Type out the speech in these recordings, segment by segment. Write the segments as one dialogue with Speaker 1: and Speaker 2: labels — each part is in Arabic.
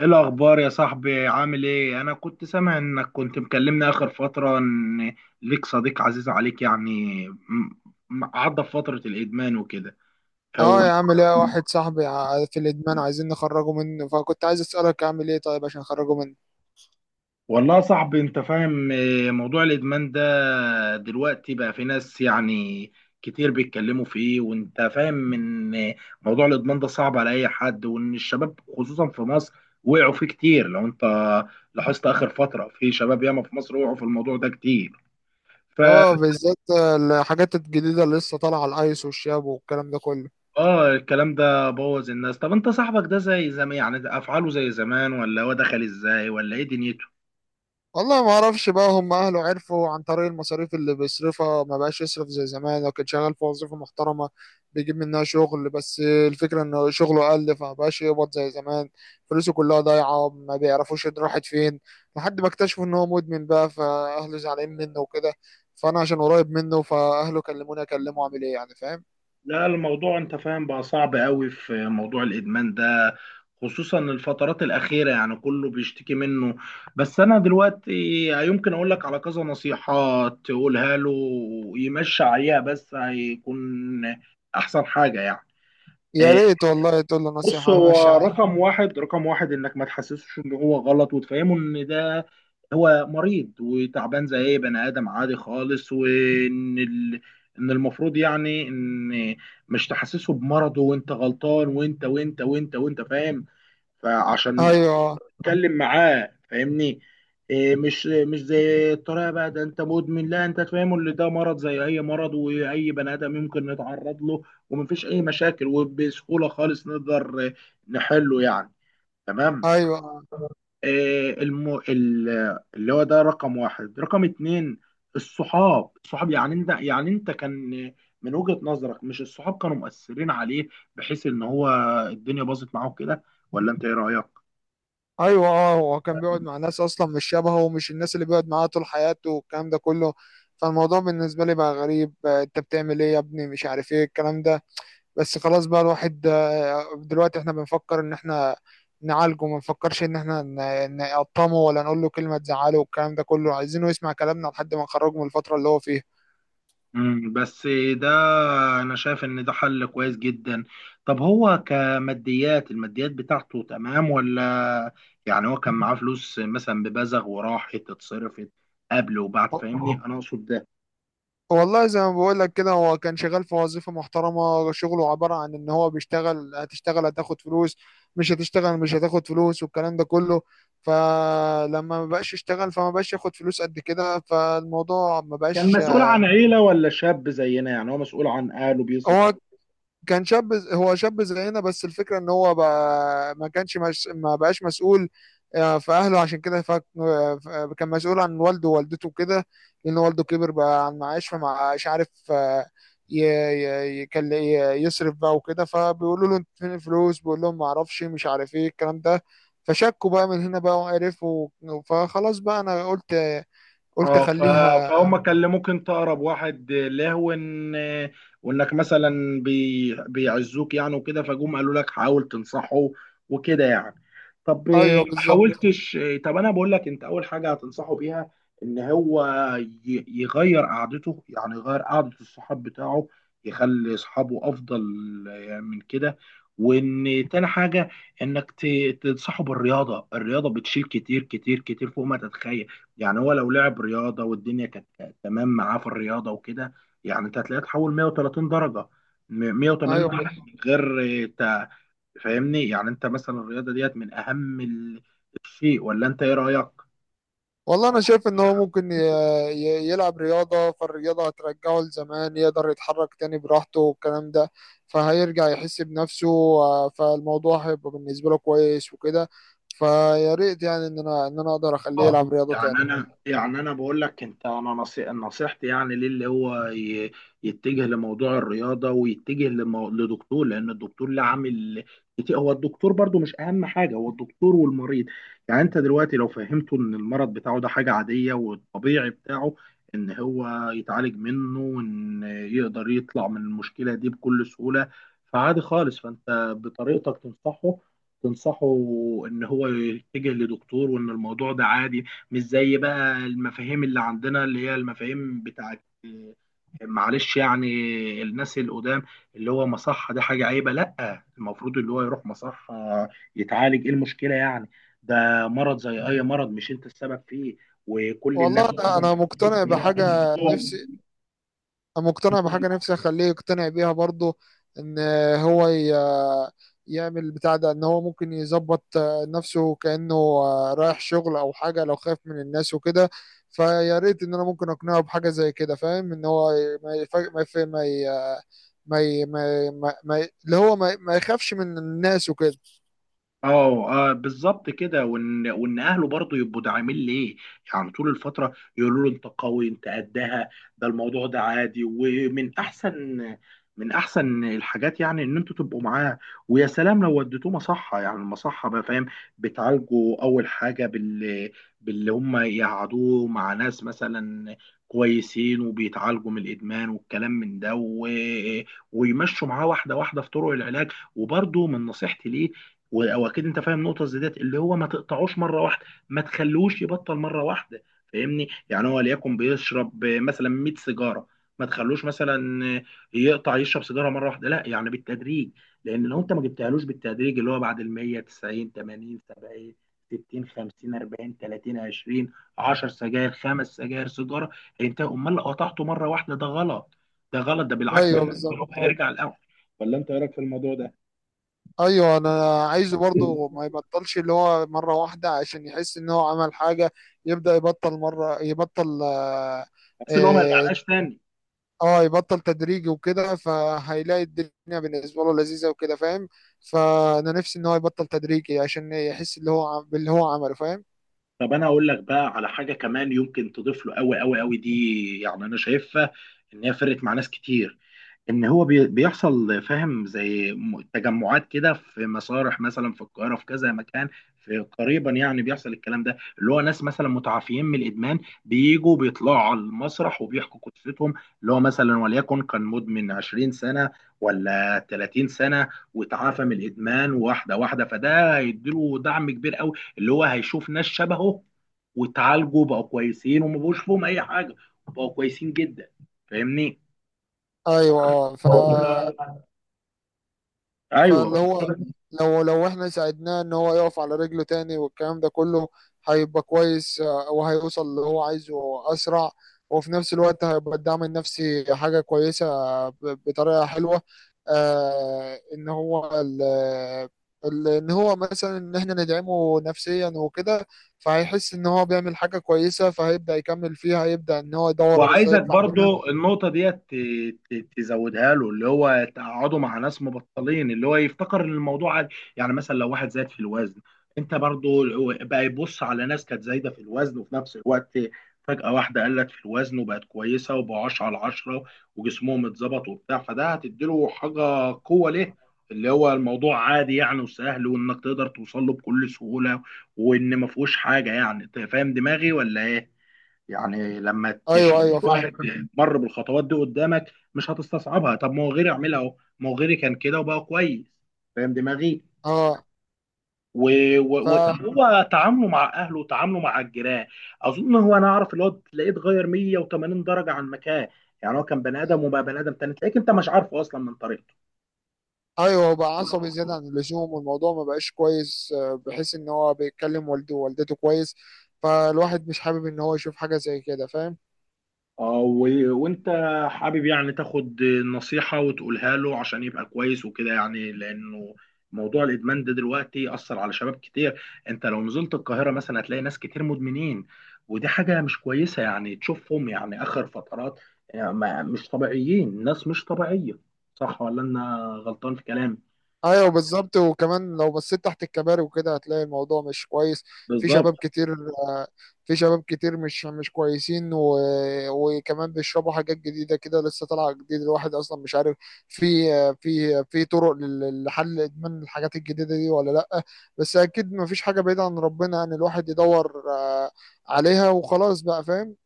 Speaker 1: ايه الاخبار يا صاحبي؟ عامل ايه؟ انا كنت سامع انك كنت مكلمني اخر فتره ان ليك صديق عزيز عليك يعني عدى في فتره الادمان وكده.
Speaker 2: اه
Speaker 1: هو
Speaker 2: يا عم، ليا واحد صاحبي في الادمان، عايزين نخرجه منه، فكنت عايز اسالك اعمل ايه طيب عشان اخرجه منه.
Speaker 1: والله يا صاحبي انت فاهم إيه، موضوع الادمان ده دلوقتي بقى في ناس يعني كتير بيتكلموا فيه، وانت فاهم ان موضوع الادمان ده صعب على اي حد، وان الشباب خصوصا في مصر وقعوا فيه كتير. لو انت لاحظت اخر فتره في شباب ياما في مصر وقعوا في الموضوع ده كتير. ف
Speaker 2: اه، بالذات الحاجات الجديده اللي لسه طالعه، الايس والشاب والكلام ده كله.
Speaker 1: اه الكلام ده بوظ الناس. طب انت صاحبك ده زي زمان يعني؟ ده افعاله زي زمان، ولا هو دخل ازاي؟ ولا ايه دنيته؟
Speaker 2: والله ما اعرفش بقى، هم اهله عرفوا عن طريق المصاريف اللي بيصرفها، ما بقاش يصرف زي زمان. لو كان شغال في وظيفة محترمة بيجيب منها شغل، بس الفكرة ان شغله قل، فما بقاش يقبض زي زمان. فلوسه كلها ضايعة، ما بيعرفوش إن راحت فين لحد ما اكتشفوا ان هو مدمن بقى، فاهله زعلانين منه وكده. فانا عشان قريب منه، فاهله كلموني اكلمه، اعمل ايه يعني؟ فاهم؟
Speaker 1: لا الموضوع انت فاهم بقى صعب قوي في موضوع الادمان ده، خصوصا الفترات الاخيره يعني كله بيشتكي منه. بس انا دلوقتي يمكن اقول لك على كذا نصيحه تقولها له يمشي عليها، بس هيكون احسن حاجه يعني.
Speaker 2: يا
Speaker 1: آه،
Speaker 2: ريت والله تقول له
Speaker 1: بص،
Speaker 2: نصيحة ماشي
Speaker 1: هو
Speaker 2: عليه.
Speaker 1: رقم واحد رقم واحد انك ما تحسسوش ان هو غلط، وتفهمه ان ده هو مريض وتعبان زي اي بني ادم عادي خالص، وان ان المفروض يعني ان مش تحسسه بمرضه. وانت غلطان وانت وانت وانت وانت فاهم. فعشان
Speaker 2: ايوه،
Speaker 1: اتكلم معاه، فاهمني إيه؟ مش زي الطريقه بقى ده انت مدمن، لا، انت تفهمه ان ده مرض زي اي مرض واي بني ادم يمكن نتعرض له، ومفيش اي مشاكل، وبسهوله خالص نقدر نحله يعني. تمام.
Speaker 2: ايوه،
Speaker 1: إيه اللي هو ده رقم واحد رقم اتنين، الصحاب. الصحاب يعني انت، يعني انت كان من وجهة نظرك مش الصحاب كانوا مؤثرين عليه، بحيث ان هو الدنيا باظت معاه كده؟ ولا انت ايه رأيك؟
Speaker 2: ايوه. اه، هو كان بيقعد مع ناس اصلا مش شبهه، ومش الناس اللي بيقعد معاها طول حياته والكلام ده كله. فالموضوع بالنسبه لي بقى غريب، انت بتعمل ايه يا ابني؟ مش عارف ايه الكلام ده. بس خلاص بقى، الواحد دلوقتي احنا بنفكر ان احنا نعالجه، ما نفكرش ان احنا نقطمه ولا نقول له كلمه تزعله والكلام ده كله، عايزينه يسمع كلامنا لحد ما نخرجه من الفتره اللي هو فيها.
Speaker 1: بس ده انا شايف ان ده حل كويس جدا. طب هو الماديات بتاعته تمام، ولا يعني هو كان معاه فلوس مثلا ببزغ وراحت اتصرفت قبل وبعد؟ فاهمني انا اقصد ده
Speaker 2: والله زي ما بقول لك كده، هو كان شغال في وظيفة محترمة. شغله عبارة عن ان هو بيشتغل هتشتغل هتاخد فلوس، مش هتشتغل مش هتاخد فلوس والكلام ده كله. فلما ما بقاش يشتغل فما بقاش ياخد فلوس قد كده، فالموضوع ما
Speaker 1: كان
Speaker 2: بقاش.
Speaker 1: مسؤول عن عيلة، ولا شاب زينا؟ يعني هو مسؤول عن اهله بيصرف؟
Speaker 2: هو كان شاب هو شاب زينا، بس الفكرة ان هو بقى ما كانش مش ما بقاش مسؤول في اهله، عشان كده فك... آه، ف- آه، كان مسؤول عن والده ووالدته وكده، لان والده كبر بقى عن معاش، فما مش عارف يصرف بقى وكده. فبيقولوا له: انت فين الفلوس؟ بيقول لهم: ما اعرفش، مش عارف ايه الكلام ده. فشكوا بقى من هنا بقى وعرفوا. فخلاص بقى، انا قلت
Speaker 1: اه
Speaker 2: اخليها.
Speaker 1: فهم كان ممكن تقرب واحد لهو، ان وانك مثلا بيعزوك يعني وكده، فجم قالوا لك حاول تنصحه وكده يعني. طب ما
Speaker 2: ايوه، بالظبط.
Speaker 1: حاولتش؟ طب انا بقول لك انت اول حاجه هتنصحه بيها ان هو يغير قعدته، يعني يغير قعده الصحاب بتاعه، يخلي اصحابه افضل من كده. وان تاني حاجه انك تنصحه بالرياضه. الرياضه بتشيل كتير كتير كتير فوق ما تتخيل. يعني هو لو لعب رياضه والدنيا كانت تمام معاه في الرياضه وكده، يعني انت هتلاقيه اتحول 130 درجه، 180
Speaker 2: ايوه.
Speaker 1: درجه من غير فاهمني. يعني انت مثلا الرياضه ديت من اهم الشيء، ولا انت ايه رايك؟
Speaker 2: والله انا شايف ان هو ممكن يلعب رياضه، فالرياضه هترجعه لزمان، يقدر يتحرك تاني براحته والكلام ده. فهيرجع يحس بنفسه، فالموضوع هيبقى بالنسبه له كويس وكده. فيا ريت يعني ان انا اقدر اخليه
Speaker 1: اه
Speaker 2: يلعب رياضه
Speaker 1: يعني
Speaker 2: تاني.
Speaker 1: انا، يعني انا بقول لك انت، انا نصيحتي يعني ليه اللي هو يتجه لموضوع الرياضه، ويتجه لدكتور، لان الدكتور له عامل كتير. هو الدكتور برضو مش اهم حاجه، هو الدكتور والمريض. يعني انت دلوقتي لو فهمته ان المرض بتاعه ده حاجه عاديه، والطبيعي بتاعه ان هو يتعالج منه، وان يقدر يطلع من المشكله دي بكل سهوله، فعادي خالص. فانت بطريقتك تنصحه، تنصحه ان هو يتجه لدكتور، وان الموضوع ده عادي، مش زي بقى المفاهيم اللي عندنا، اللي هي المفاهيم بتاعت معلش يعني الناس القدام، اللي هو مصحة دي حاجة عيبة. لا، المفروض اللي هو يروح مصحة يتعالج. ايه المشكلة يعني؟ ده مرض زي اي مرض، مش انت السبب فيه وكل
Speaker 2: والله
Speaker 1: الناس.
Speaker 2: انا مقتنع بحاجه نفسي، مقتنع بحاجة نفسي أخليه يقتنع بيها برضه. إن هو يعمل بتاع ده، إن هو ممكن يظبط نفسه كأنه رايح شغل أو حاجة، لو خايف من الناس وكده. فيا ريت إن أنا ممكن أقنعه بحاجة زي كده. فاهم؟ إن هو ما يفاجئ، ما ما ي- اللي هو ما يخافش من الناس وكده.
Speaker 1: اه بالظبط كده. وان وان اهله برضه يبقوا داعمين ليه، يعني طول الفتره يقولوا له انت قوي انت قدها، ده الموضوع ده عادي. ومن احسن من احسن الحاجات يعني ان انتوا تبقوا معاه، ويا سلام لو وديتوه مصحه. يعني المصحه بقى فاهم بتعالجوا اول حاجه باللي هم يقعدوه مع ناس مثلا كويسين وبيتعالجوا من الادمان والكلام من ده، ويمشوا معاه واحده واحده في طرق العلاج. وبرضه من نصيحتي ليه، واكيد انت فاهم نقطه زي ديت، اللي هو ما تقطعوش مره واحده، ما تخلوش يبطل مره واحده. فاهمني، يعني هو ليكن بيشرب مثلا 100 سيجاره، ما تخلوش مثلا يقطع يشرب سيجاره مره واحده، لا، يعني بالتدريج. لان لو انت ما جبتهالوش بالتدريج، اللي هو بعد ال 100، 90، 80، 70، 60، 50، 40، 30، 20، 10 سجاير، خمس سجاير، سيجاره، هينتهي. امال لو قطعته مره واحده ده غلط، ده غلط، ده بالعكس،
Speaker 2: أيوه، بالظبط.
Speaker 1: هيرجع الاول. ولا انت ايه رايك في الموضوع ده؟
Speaker 2: ايوه. انا عايزه برضه ما يبطلش اللي هو مره واحده، عشان يحس ان هو عمل حاجه، يبدا يبطل مره، يبطل. اه.
Speaker 1: بس اللي هو ما
Speaker 2: آه،
Speaker 1: يرجعلهاش تاني.
Speaker 2: يبطل تدريجي وكده، فهيلاقي الدنيا بالنسبه له لذيذه وكده. فاهم؟ فانا نفسي ان هو يبطل تدريجي، عشان يحس اللي هو باللي هو عمله. فاهم؟
Speaker 1: طب انا اقول لك بقى على حاجه كمان يمكن تضيف له، قوي قوي قوي. دي يعني انا شايفها ان هي فرقت مع ناس كتير، ان هو بيحصل فاهم زي تجمعات كده في مسارح مثلا في القاهره، في كذا مكان، في قريبا، يعني بيحصل الكلام ده، اللي هو ناس مثلا متعافيين من الادمان بيجوا بيطلعوا على المسرح وبيحكوا قصتهم، اللي هو مثلا وليكن كان مدمن 20 سنه، ولا 30 سنه، وتعافى من الادمان واحده واحده. فده هيديله دعم كبير قوي، اللي هو هيشوف ناس شبهه وتعالجوا بقوا كويسين، وما بقوش فيهم اي حاجه، وبقوا كويسين جدا. فاهمني؟
Speaker 2: ايوه. اه.
Speaker 1: ايوه.
Speaker 2: فاللي هو لو احنا ساعدناه ان هو يقف على رجله تاني والكلام ده كله، هيبقى كويس، وهيوصل اللي هو عايزه اسرع، وفي نفس الوقت هيبقى الدعم النفسي حاجة كويسة ب- بطريقة حلوة. آه ان هو ال ان هو مثلا، ان احنا ندعمه نفسيا وكده، فهيحس ان هو بيعمل حاجة كويسة، فهيبدأ يكمل فيها، هيبدأ ان هو يدور ازاي
Speaker 1: وعايزك
Speaker 2: يطلع منها.
Speaker 1: برضو النقطه ديت تزودها له، اللي هو تقعده مع ناس مبطلين، اللي هو يفتكر ان الموضوع عادي. يعني مثلا لو واحد زاد في الوزن، انت برضو بقى يبص على ناس كانت زايده في الوزن، وفي نفس الوقت فجاه واحده قلت في الوزن وبقت كويسه وبقوا 10 على 10، وجسمهم اتظبط وبتاع، فده هتديله حاجه قوه ليه، اللي هو الموضوع عادي يعني وسهل، وانك تقدر توصل له بكل سهوله، وان ما فيهوش حاجه. يعني انت فاهم دماغي ولا ايه؟ يعني لما
Speaker 2: ايوه، ايوه،
Speaker 1: تشوف
Speaker 2: فاهم.
Speaker 1: واحد مر بالخطوات دي قدامك مش هتستصعبها، طب ما هو غيري عملها اهو، ما هو غيري كان كده وبقى كويس. فاهم دماغي.
Speaker 2: اه.
Speaker 1: و... طب
Speaker 2: ف
Speaker 1: هو تعامله مع اهله وتعامله مع الجيران، اظن هو انا اعرف اللي هو تلاقيه اتغير 180 درجه عن مكان. يعني هو كان بني ادم وبقى بني ادم تاني، تلاقيك انت مش عارفه اصلا من طريقته.
Speaker 2: ايوه. هو بقى عصبي زياده عن اللزوم، والموضوع ما بقاش كويس، بحيث ان هو بيتكلم والده ووالدته كويس. فالواحد مش حابب ان هو يشوف حاجه زي كده. فاهم؟
Speaker 1: اه وانت حابب يعني تاخد نصيحة وتقولها له عشان يبقى كويس وكده يعني، لانه موضوع الادمان ده دلوقتي اثر على شباب كتير. انت لو نزلت القاهرة مثلا هتلاقي ناس كتير مدمنين، ودي حاجة مش كويسة، يعني تشوفهم يعني اخر فترات يعني مش طبيعيين، ناس مش طبيعية. صح، ولا انا غلطان في كلامي؟
Speaker 2: ايوه، بالظبط. وكمان لو بصيت تحت الكباري وكده، هتلاقي الموضوع مش كويس. في
Speaker 1: بالظبط.
Speaker 2: شباب كتير آه، في شباب كتير مش كويسين. وكمان بيشربوا حاجات جديده كده لسه طالعه جديد، الواحد اصلا مش عارف في في طرق لحل ادمان الحاجات الجديده دي ولا لا. بس اكيد ما فيش حاجه بعيده عن ربنا ان الواحد يدور عليها، وخلاص بقى. فاهم؟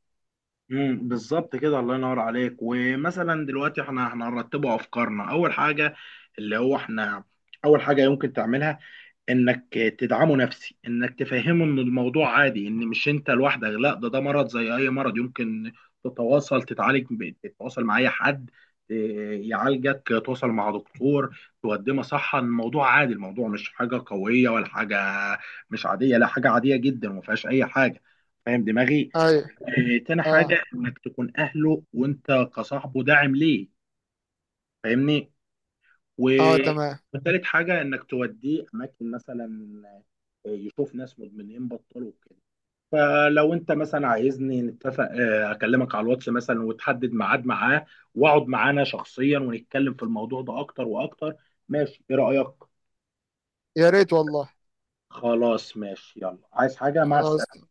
Speaker 1: بالظبط كده. الله ينور عليك. ومثلا دلوقتي احنا، هنرتبه افكارنا. اول حاجة اللي هو احنا اول حاجة يمكن تعملها انك تدعمه نفسي، انك تفهمه ان الموضوع عادي، ان مش انت لوحدك، لا، ده مرض زي اي مرض يمكن تتواصل تتعالج، تتواصل مع اي حد إيه، يعالجك، تتواصل مع دكتور تقدمه صحة. الموضوع عادي، الموضوع مش حاجة قوية ولا حاجة مش عادية، لا، حاجة عادية جدا وما فيهاش اي حاجة. فاهم دماغي؟
Speaker 2: ايوه.
Speaker 1: إيه، تاني
Speaker 2: اه.
Speaker 1: حاجة، انك تكون اهله وانت كصاحبه داعم ليه. فاهمني.
Speaker 2: اه. تمام.
Speaker 1: وثالث حاجة انك توديه اماكن مثلا، يشوف ناس مدمنين بطلوا كده. فلو انت مثلا عايزني نتفق، اكلمك على الواتس مثلا وتحدد ميعاد معاه، واقعد معانا شخصيا ونتكلم في الموضوع ده اكتر واكتر. ماشي؟ ايه رأيك؟
Speaker 2: يا ريت والله.
Speaker 1: خلاص ماشي، يلا، عايز حاجة؟ مع السلامة.
Speaker 2: خلاص.